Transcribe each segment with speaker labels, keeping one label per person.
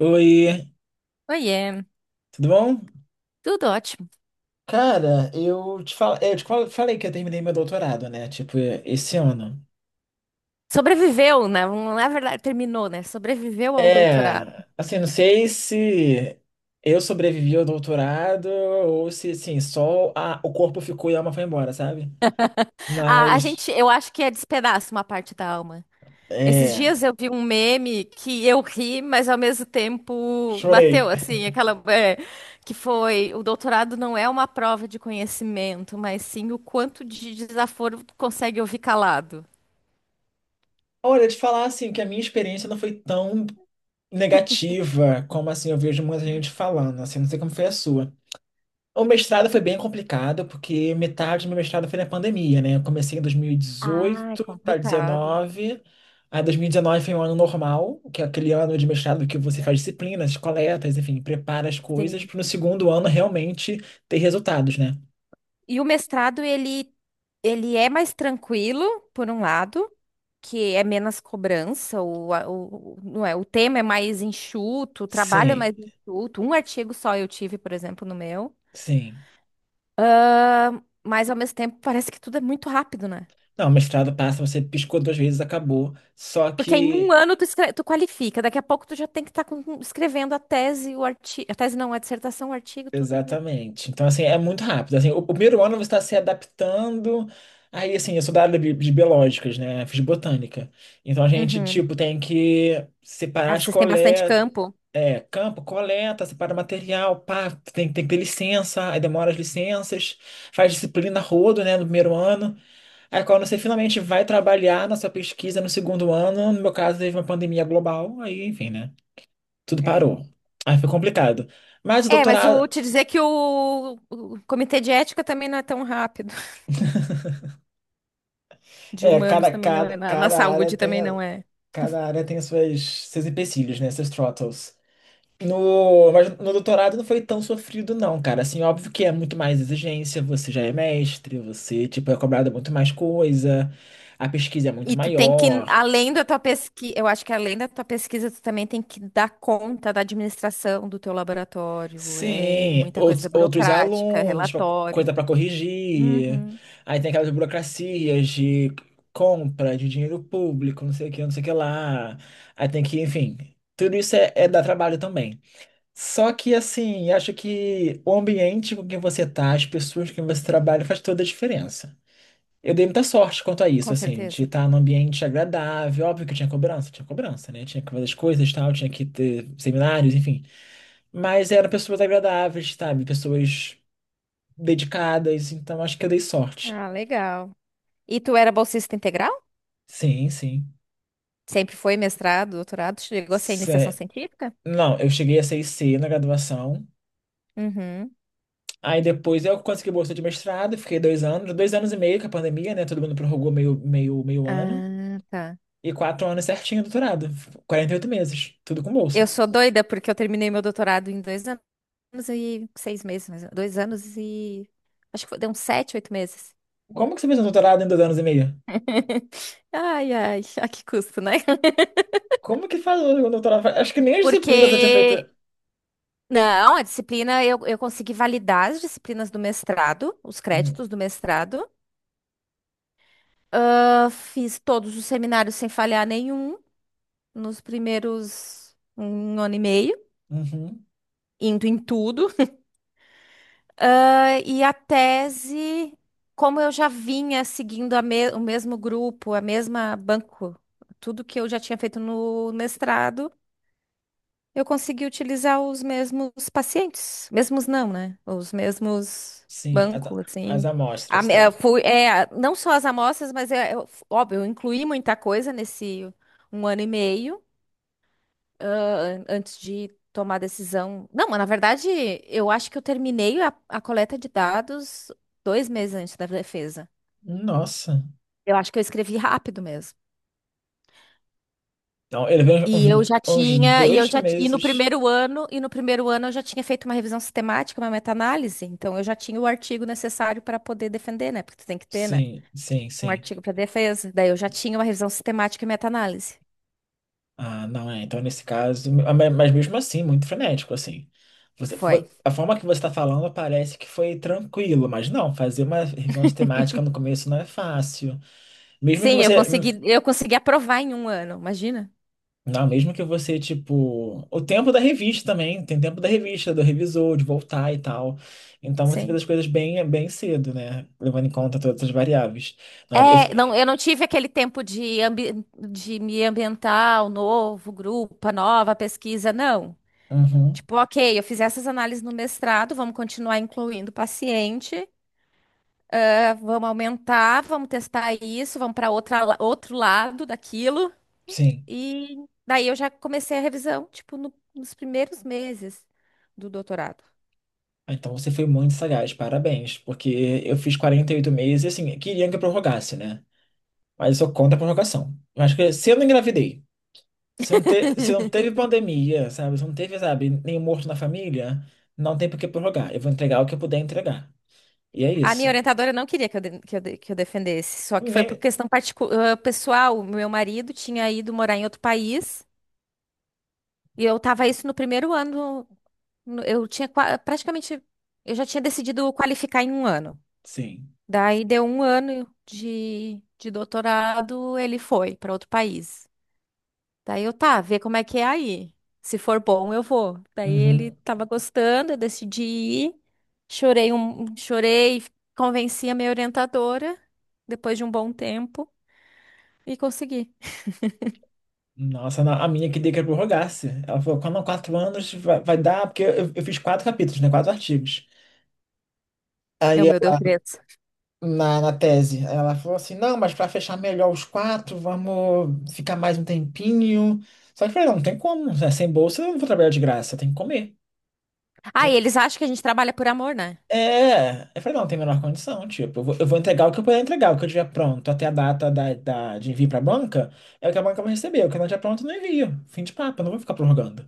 Speaker 1: Oi,
Speaker 2: Oiê,
Speaker 1: tudo bom?
Speaker 2: tudo ótimo.
Speaker 1: Cara, eu te falei que eu terminei meu doutorado, né? Tipo, esse ano.
Speaker 2: Sobreviveu, né? Não é verdade, terminou, né? Sobreviveu ao doutorado.
Speaker 1: É, assim, não sei se eu sobrevivi ao doutorado ou se, assim, só o corpo ficou e a alma foi embora, sabe?
Speaker 2: A, a
Speaker 1: Mas,
Speaker 2: gente, eu acho que é despedaço uma parte da alma. Esses
Speaker 1: é,
Speaker 2: dias eu vi um meme que eu ri, mas ao mesmo tempo bateu,
Speaker 1: chorei.
Speaker 2: assim, aquela, que foi, o doutorado não é uma prova de conhecimento, mas sim o quanto de desaforo tu consegue ouvir calado.
Speaker 1: Olha, te falar, assim, que a minha experiência não foi tão negativa como, assim, eu vejo muita gente falando, assim, não sei como foi a sua. O mestrado foi bem complicado, porque metade do meu mestrado foi na pandemia, né? Eu comecei em
Speaker 2: Ah, é
Speaker 1: 2018 para
Speaker 2: complicado.
Speaker 1: 19. Aí 2019 foi um ano normal, que é aquele ano de mestrado que você faz disciplinas, coletas, enfim, prepara as coisas
Speaker 2: Sim.
Speaker 1: para no segundo ano realmente ter resultados, né?
Speaker 2: E o mestrado, ele é mais tranquilo, por um lado, que é menos cobrança, o, a- o, o- não é, o tema é mais enxuto, o trabalho é
Speaker 1: Sim,
Speaker 2: mais enxuto. Um artigo só eu tive, por exemplo, no meu.
Speaker 1: sim.
Speaker 2: Mas, ao mesmo tempo, parece que tudo é muito rápido, né?
Speaker 1: Não, mestrado passa, você piscou duas vezes, acabou. Só
Speaker 2: Porque em um
Speaker 1: que.
Speaker 2: ano tu, tu qualifica, daqui a pouco tu já tem que estar escrevendo a tese, o artigo. A tese não, a dissertação, o artigo, tudo.
Speaker 1: Exatamente. Então, assim, é muito rápido. Assim, o primeiro ano você está se adaptando. Aí, assim, eu sou da área de biológicas, né? Fiz botânica. Então, a gente,
Speaker 2: Uhum.
Speaker 1: tipo, tem que
Speaker 2: Ah,
Speaker 1: separar as
Speaker 2: vocês têm bastante
Speaker 1: coletas.
Speaker 2: campo.
Speaker 1: É, campo, coleta, separa material, pá, tem que ter licença, aí demora as licenças, faz disciplina rodo, né, no primeiro ano. Aí quando você finalmente vai trabalhar na sua pesquisa no segundo ano, no meu caso teve uma pandemia global, aí, enfim, né, tudo
Speaker 2: É.
Speaker 1: parou. Aí foi complicado. Mas o
Speaker 2: É, mas eu
Speaker 1: doutorado,
Speaker 2: te dizer que o comitê de ética também não é tão rápido. De
Speaker 1: é,
Speaker 2: humanos
Speaker 1: cada,
Speaker 2: também não
Speaker 1: cada,
Speaker 2: é. Na
Speaker 1: cada área
Speaker 2: saúde
Speaker 1: tem
Speaker 2: também
Speaker 1: a,
Speaker 2: não é.
Speaker 1: cada área tem as suas, seus empecilhos, né? Seus throttles. No, mas no doutorado não foi tão sofrido, não, cara. Assim, óbvio que é muito mais exigência, você já é mestre, você, tipo, é cobrado muito mais coisa, a pesquisa é muito
Speaker 2: E tu tem que,
Speaker 1: maior.
Speaker 2: além da tua pesquisa, eu acho que além da tua pesquisa, tu também tem que dar conta da administração do teu laboratório. É
Speaker 1: Sim,
Speaker 2: muita
Speaker 1: outros,
Speaker 2: coisa
Speaker 1: outros
Speaker 2: burocrática,
Speaker 1: alunos,
Speaker 2: relatório.
Speaker 1: coisa para corrigir.
Speaker 2: Uhum,
Speaker 1: Aí tem aquelas burocracias de compra de dinheiro público, não sei o que, não sei o que lá. Aí tem que, enfim, tudo isso é dar trabalho também. Só que, assim, acho que o ambiente com que você tá, as pessoas com que você trabalha, faz toda a diferença. Eu dei muita sorte quanto a isso,
Speaker 2: com
Speaker 1: assim, de
Speaker 2: certeza.
Speaker 1: estar num ambiente agradável. Óbvio que tinha cobrança, né? Tinha que fazer as coisas, tal, tinha que ter seminários, enfim. Mas eram pessoas agradáveis, sabe? Pessoas dedicadas, então acho que eu dei sorte.
Speaker 2: Ah, legal. E tu era bolsista integral?
Speaker 1: Sim, sim.
Speaker 2: Sempre foi mestrado, doutorado? Chegou a ser iniciação
Speaker 1: Cé-
Speaker 2: científica?
Speaker 1: Não, eu cheguei a 6C na graduação.
Speaker 2: Uhum.
Speaker 1: Aí depois eu consegui bolsa de mestrado, fiquei 2 anos, 2 anos e meio com a pandemia, né? Todo mundo prorrogou meio ano.
Speaker 2: Ah, tá.
Speaker 1: E quatro anos certinho doutorado, 48 meses, tudo com
Speaker 2: Eu
Speaker 1: bolsa.
Speaker 2: sou doida porque eu terminei meu doutorado em dois anos. Anos e seis meses, mais ou- dois anos e. Acho que foi- deu uns sete, oito meses.
Speaker 1: Como que você fez um doutorado em 2 anos e meio?
Speaker 2: Ai, ai, a que custo, né?
Speaker 1: Como que faz um doutorado? Acho que nem as disciplinas eu tinha feito.
Speaker 2: Porque. Não, a disciplina, eu consegui validar as disciplinas do mestrado, os
Speaker 1: Hum.
Speaker 2: créditos do mestrado. Ah, fiz todos os seminários sem falhar nenhum nos primeiros um ano e meio,
Speaker 1: Uhum,
Speaker 2: indo em tudo. E a tese, como eu já vinha seguindo o mesmo grupo, a mesma banco, tudo que eu já tinha feito no mestrado, eu consegui utilizar os mesmos pacientes. Mesmos não, né? Os mesmos
Speaker 1: sim, as,
Speaker 2: bancos,
Speaker 1: as
Speaker 2: assim.
Speaker 1: amostras e tal.
Speaker 2: Fui, é, não só as amostras, mas é, óbvio, eu incluí muita coisa nesse um ano e meio ah, antes de tomar decisão. Não, mas na verdade, eu acho que eu terminei a coleta de dados dois meses antes da defesa.
Speaker 1: Nossa.
Speaker 2: Eu acho que eu escrevi rápido mesmo.
Speaker 1: Não, ele veio
Speaker 2: E eu
Speaker 1: uns,
Speaker 2: já
Speaker 1: uns
Speaker 2: tinha, e eu
Speaker 1: dois
Speaker 2: já, ti- e no
Speaker 1: meses.
Speaker 2: primeiro ano, E no primeiro ano eu já tinha feito uma revisão sistemática, uma meta-análise, então eu já tinha o artigo necessário para poder defender, né? Porque tu tem que ter, né?
Speaker 1: Sim, sim,
Speaker 2: Um
Speaker 1: sim.
Speaker 2: artigo para defesa. Daí eu já tinha uma revisão sistemática e meta-análise.
Speaker 1: Ah, não é. Então, nesse caso, ah, mas mesmo assim, muito frenético, assim.
Speaker 2: Foi.
Speaker 1: A forma que você está falando parece que foi tranquilo, mas não, fazer uma revisão sistemática no começo não é fácil. Mesmo que
Speaker 2: Sim,
Speaker 1: você.
Speaker 2: eu consegui aprovar em um ano, imagina?
Speaker 1: Não, mesmo que você, tipo. O tempo da revista também, tem tempo da revista, do revisor, de voltar e tal. Então você fez
Speaker 2: Sim.
Speaker 1: as coisas bem, bem cedo, né? Levando em conta todas as variáveis. Não, eu
Speaker 2: É, não,
Speaker 1: fui.
Speaker 2: eu não tive aquele tempo de me ambientar, o novo grupo, a nova pesquisa, não.
Speaker 1: Uhum,
Speaker 2: Tipo, ok, eu fiz essas análises no mestrado, vamos continuar incluindo o paciente, vamos aumentar, vamos testar isso, vamos para outra, outro lado daquilo.
Speaker 1: sim.
Speaker 2: E daí eu já comecei a revisão, tipo, nos primeiros meses do doutorado.
Speaker 1: Ah, então você foi muito sagaz, parabéns, porque eu fiz 48 meses, e assim, queriam que eu prorrogasse, né? Mas eu sou contra a prorrogação. Eu acho que se eu não engravidei, se não teve pandemia, sabe? Se não teve, sabe, nenhum morto na família, não tem por que prorrogar. Eu vou entregar o que eu puder entregar. E é
Speaker 2: A minha
Speaker 1: isso.
Speaker 2: orientadora não queria que eu defendesse, só que foi por
Speaker 1: Nem...
Speaker 2: questão pessoal. O meu marido tinha ido morar em outro país. E eu tava isso no primeiro ano. Eu tinha praticamente. Eu já tinha decidido qualificar em um ano.
Speaker 1: Sim.
Speaker 2: Daí deu um ano de doutorado, ele foi para outro país. Daí eu tá, vê como é que é aí. Se for bom, eu vou. Daí ele
Speaker 1: Uhum.
Speaker 2: tava gostando, eu decidi ir. Chorei, convenci a minha orientadora depois de um bom tempo e consegui.
Speaker 1: Nossa, a minha queria que eu prorrogasse. Ela falou, quando quatro anos vai, vai dar, porque eu fiz 4 capítulos, né? 4 artigos.
Speaker 2: Eu,
Speaker 1: Aí
Speaker 2: meu Deus, três.
Speaker 1: na tese. Ela falou assim: não, mas para fechar melhor os quatro, vamos ficar mais um tempinho. Só que eu falei: não, não tem como, né? Sem bolsa eu não vou trabalhar de graça, tem que comer.
Speaker 2: Ah, e
Speaker 1: Aí,
Speaker 2: eles acham que a gente trabalha por amor, né?
Speaker 1: Eu falei: não, tem a menor condição. Tipo, eu vou entregar o que eu puder entregar, o que eu tiver pronto até a data de envio para a banca, é o que a banca vai receber. O que não tiver pronto, eu não envio. Fim de papo, eu não vou ficar prorrogando.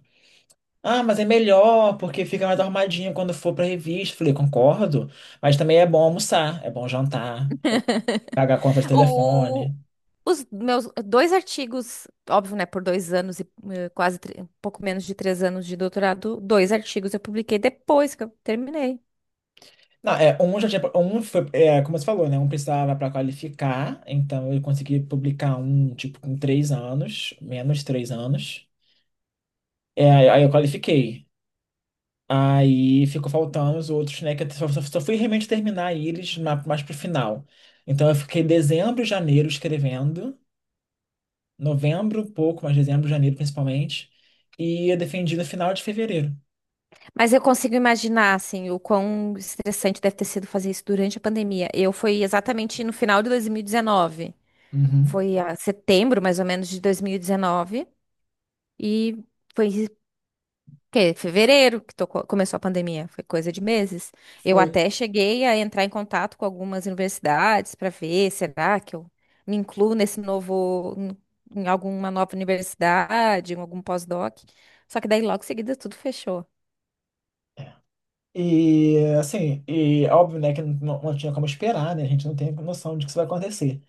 Speaker 1: Ah, mas é melhor, porque fica mais arrumadinho quando for pra revista. Falei, concordo, mas também é bom almoçar, é bom jantar, pagar a conta de
Speaker 2: O,
Speaker 1: telefone.
Speaker 2: Os meus dois artigos, óbvio, né, por dois anos e quase um pouco menos de três anos de doutorado, dois artigos eu publiquei depois que eu terminei.
Speaker 1: Não, é, um já tinha, um foi, é, como você falou, né? Um precisava para qualificar, então eu consegui publicar um, tipo, com 3 anos, menos 3 anos. É, aí eu qualifiquei. Aí ficou faltando os outros, né? Que eu só fui realmente terminar eles mais pro final. Então eu fiquei dezembro, janeiro escrevendo, novembro um pouco, mas dezembro, janeiro principalmente, e eu defendi no final de fevereiro.
Speaker 2: Mas eu consigo imaginar, assim, o quão estressante deve ter sido fazer isso durante a pandemia. Eu foi exatamente no final de 2019,
Speaker 1: Uhum.
Speaker 2: foi a setembro, mais ou menos, de 2019, e foi que fevereiro começou a pandemia, foi coisa de meses. Eu
Speaker 1: Foi.
Speaker 2: até cheguei a entrar em contato com algumas universidades para ver, será que eu me incluo nesse novo, em alguma nova universidade, em algum pós-doc. Só que daí logo em seguida tudo fechou.
Speaker 1: E assim, e óbvio, né, que não, não tinha como esperar, né? A gente não tem noção de que isso vai acontecer.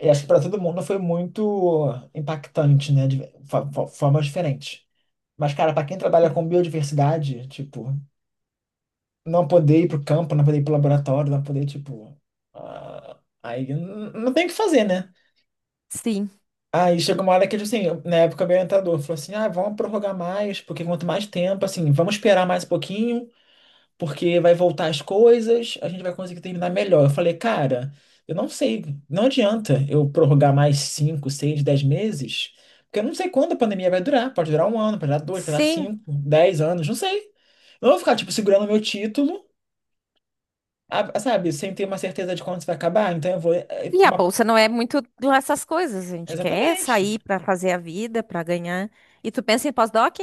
Speaker 1: E acho que para todo mundo foi muito impactante, né? De formas diferentes. Mas, cara, para quem trabalha
Speaker 2: Sim.
Speaker 1: com biodiversidade, tipo, não poder ir pro campo, não poder ir pro laboratório, não poder, tipo. Ah, aí não tem o que fazer, né?
Speaker 2: Sim.
Speaker 1: Aí chegou uma hora que, assim, na época o meu orientador falou assim: ah, vamos prorrogar mais, porque quanto mais tempo, assim, vamos esperar mais um pouquinho, porque vai voltar as coisas, a gente vai conseguir terminar melhor. Eu falei, cara, eu não sei, não adianta eu prorrogar mais 5 6 10 meses, porque eu não sei quando a pandemia vai durar. Pode durar um ano, pode durar dois, pode durar
Speaker 2: Sim.
Speaker 1: 5, 10 anos, não sei. Eu não vou ficar, tipo, segurando meu título, sabe, sem ter uma certeza de quando isso vai acabar, então eu vou.
Speaker 2: E a bolsa não é muito lá essas coisas, a gente quer
Speaker 1: Exatamente.
Speaker 2: sair para fazer a vida, para ganhar. E tu pensa em pós-doc?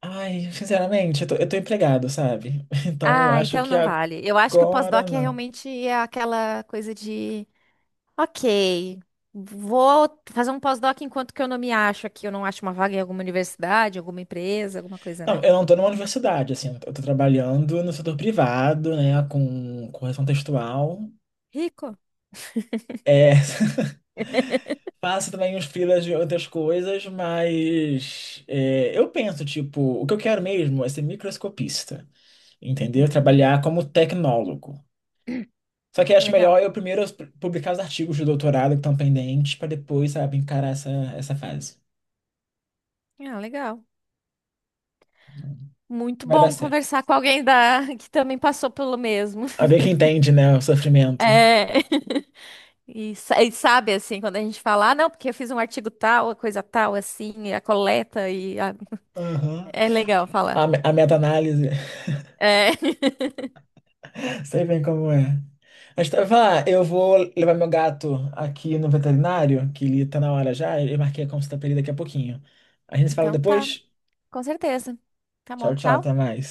Speaker 1: Ai, sinceramente, eu tô empregado, sabe? Então eu
Speaker 2: Ah,
Speaker 1: acho
Speaker 2: então
Speaker 1: que
Speaker 2: não vale. Eu acho que o
Speaker 1: agora
Speaker 2: pós-doc é
Speaker 1: não.
Speaker 2: realmente aquela coisa de ok. Vou fazer um pós-doc enquanto que eu não me acho aqui. Eu não acho uma vaga em alguma universidade, alguma empresa, alguma coisa,
Speaker 1: Não,
Speaker 2: né?
Speaker 1: eu não estou numa universidade, assim, eu estou trabalhando no setor privado, né, com correção textual.
Speaker 2: Rico?
Speaker 1: É, faço também uns freelas de outras coisas, mas é, eu penso, tipo, o que eu quero mesmo é ser microscopista, entendeu?
Speaker 2: Hum,
Speaker 1: Trabalhar como tecnólogo. Só que acho
Speaker 2: legal.
Speaker 1: melhor eu primeiro publicar os artigos de doutorado que estão pendentes, para depois, sabe, encarar essa fase.
Speaker 2: Ah, legal. Muito
Speaker 1: Vai dar
Speaker 2: bom
Speaker 1: certo.
Speaker 2: conversar com alguém da... que também passou pelo mesmo.
Speaker 1: A ver que entende, né, o sofrimento.
Speaker 2: É. E sabe, assim, quando a gente fala, ah, não, porque eu fiz um artigo tal, a coisa tal, assim, e a coleta,
Speaker 1: Aham.
Speaker 2: é legal falar.
Speaker 1: A, a meta-análise.
Speaker 2: É.
Speaker 1: Sei bem como é. Mas tava, eu vou levar meu gato aqui no veterinário, que ele tá na hora já. Eu marquei a consulta pra ele daqui a pouquinho. A gente se fala
Speaker 2: Então tá,
Speaker 1: depois?
Speaker 2: com certeza. Tá
Speaker 1: Tchau,
Speaker 2: bom,
Speaker 1: tchau,
Speaker 2: tchau.
Speaker 1: até mais.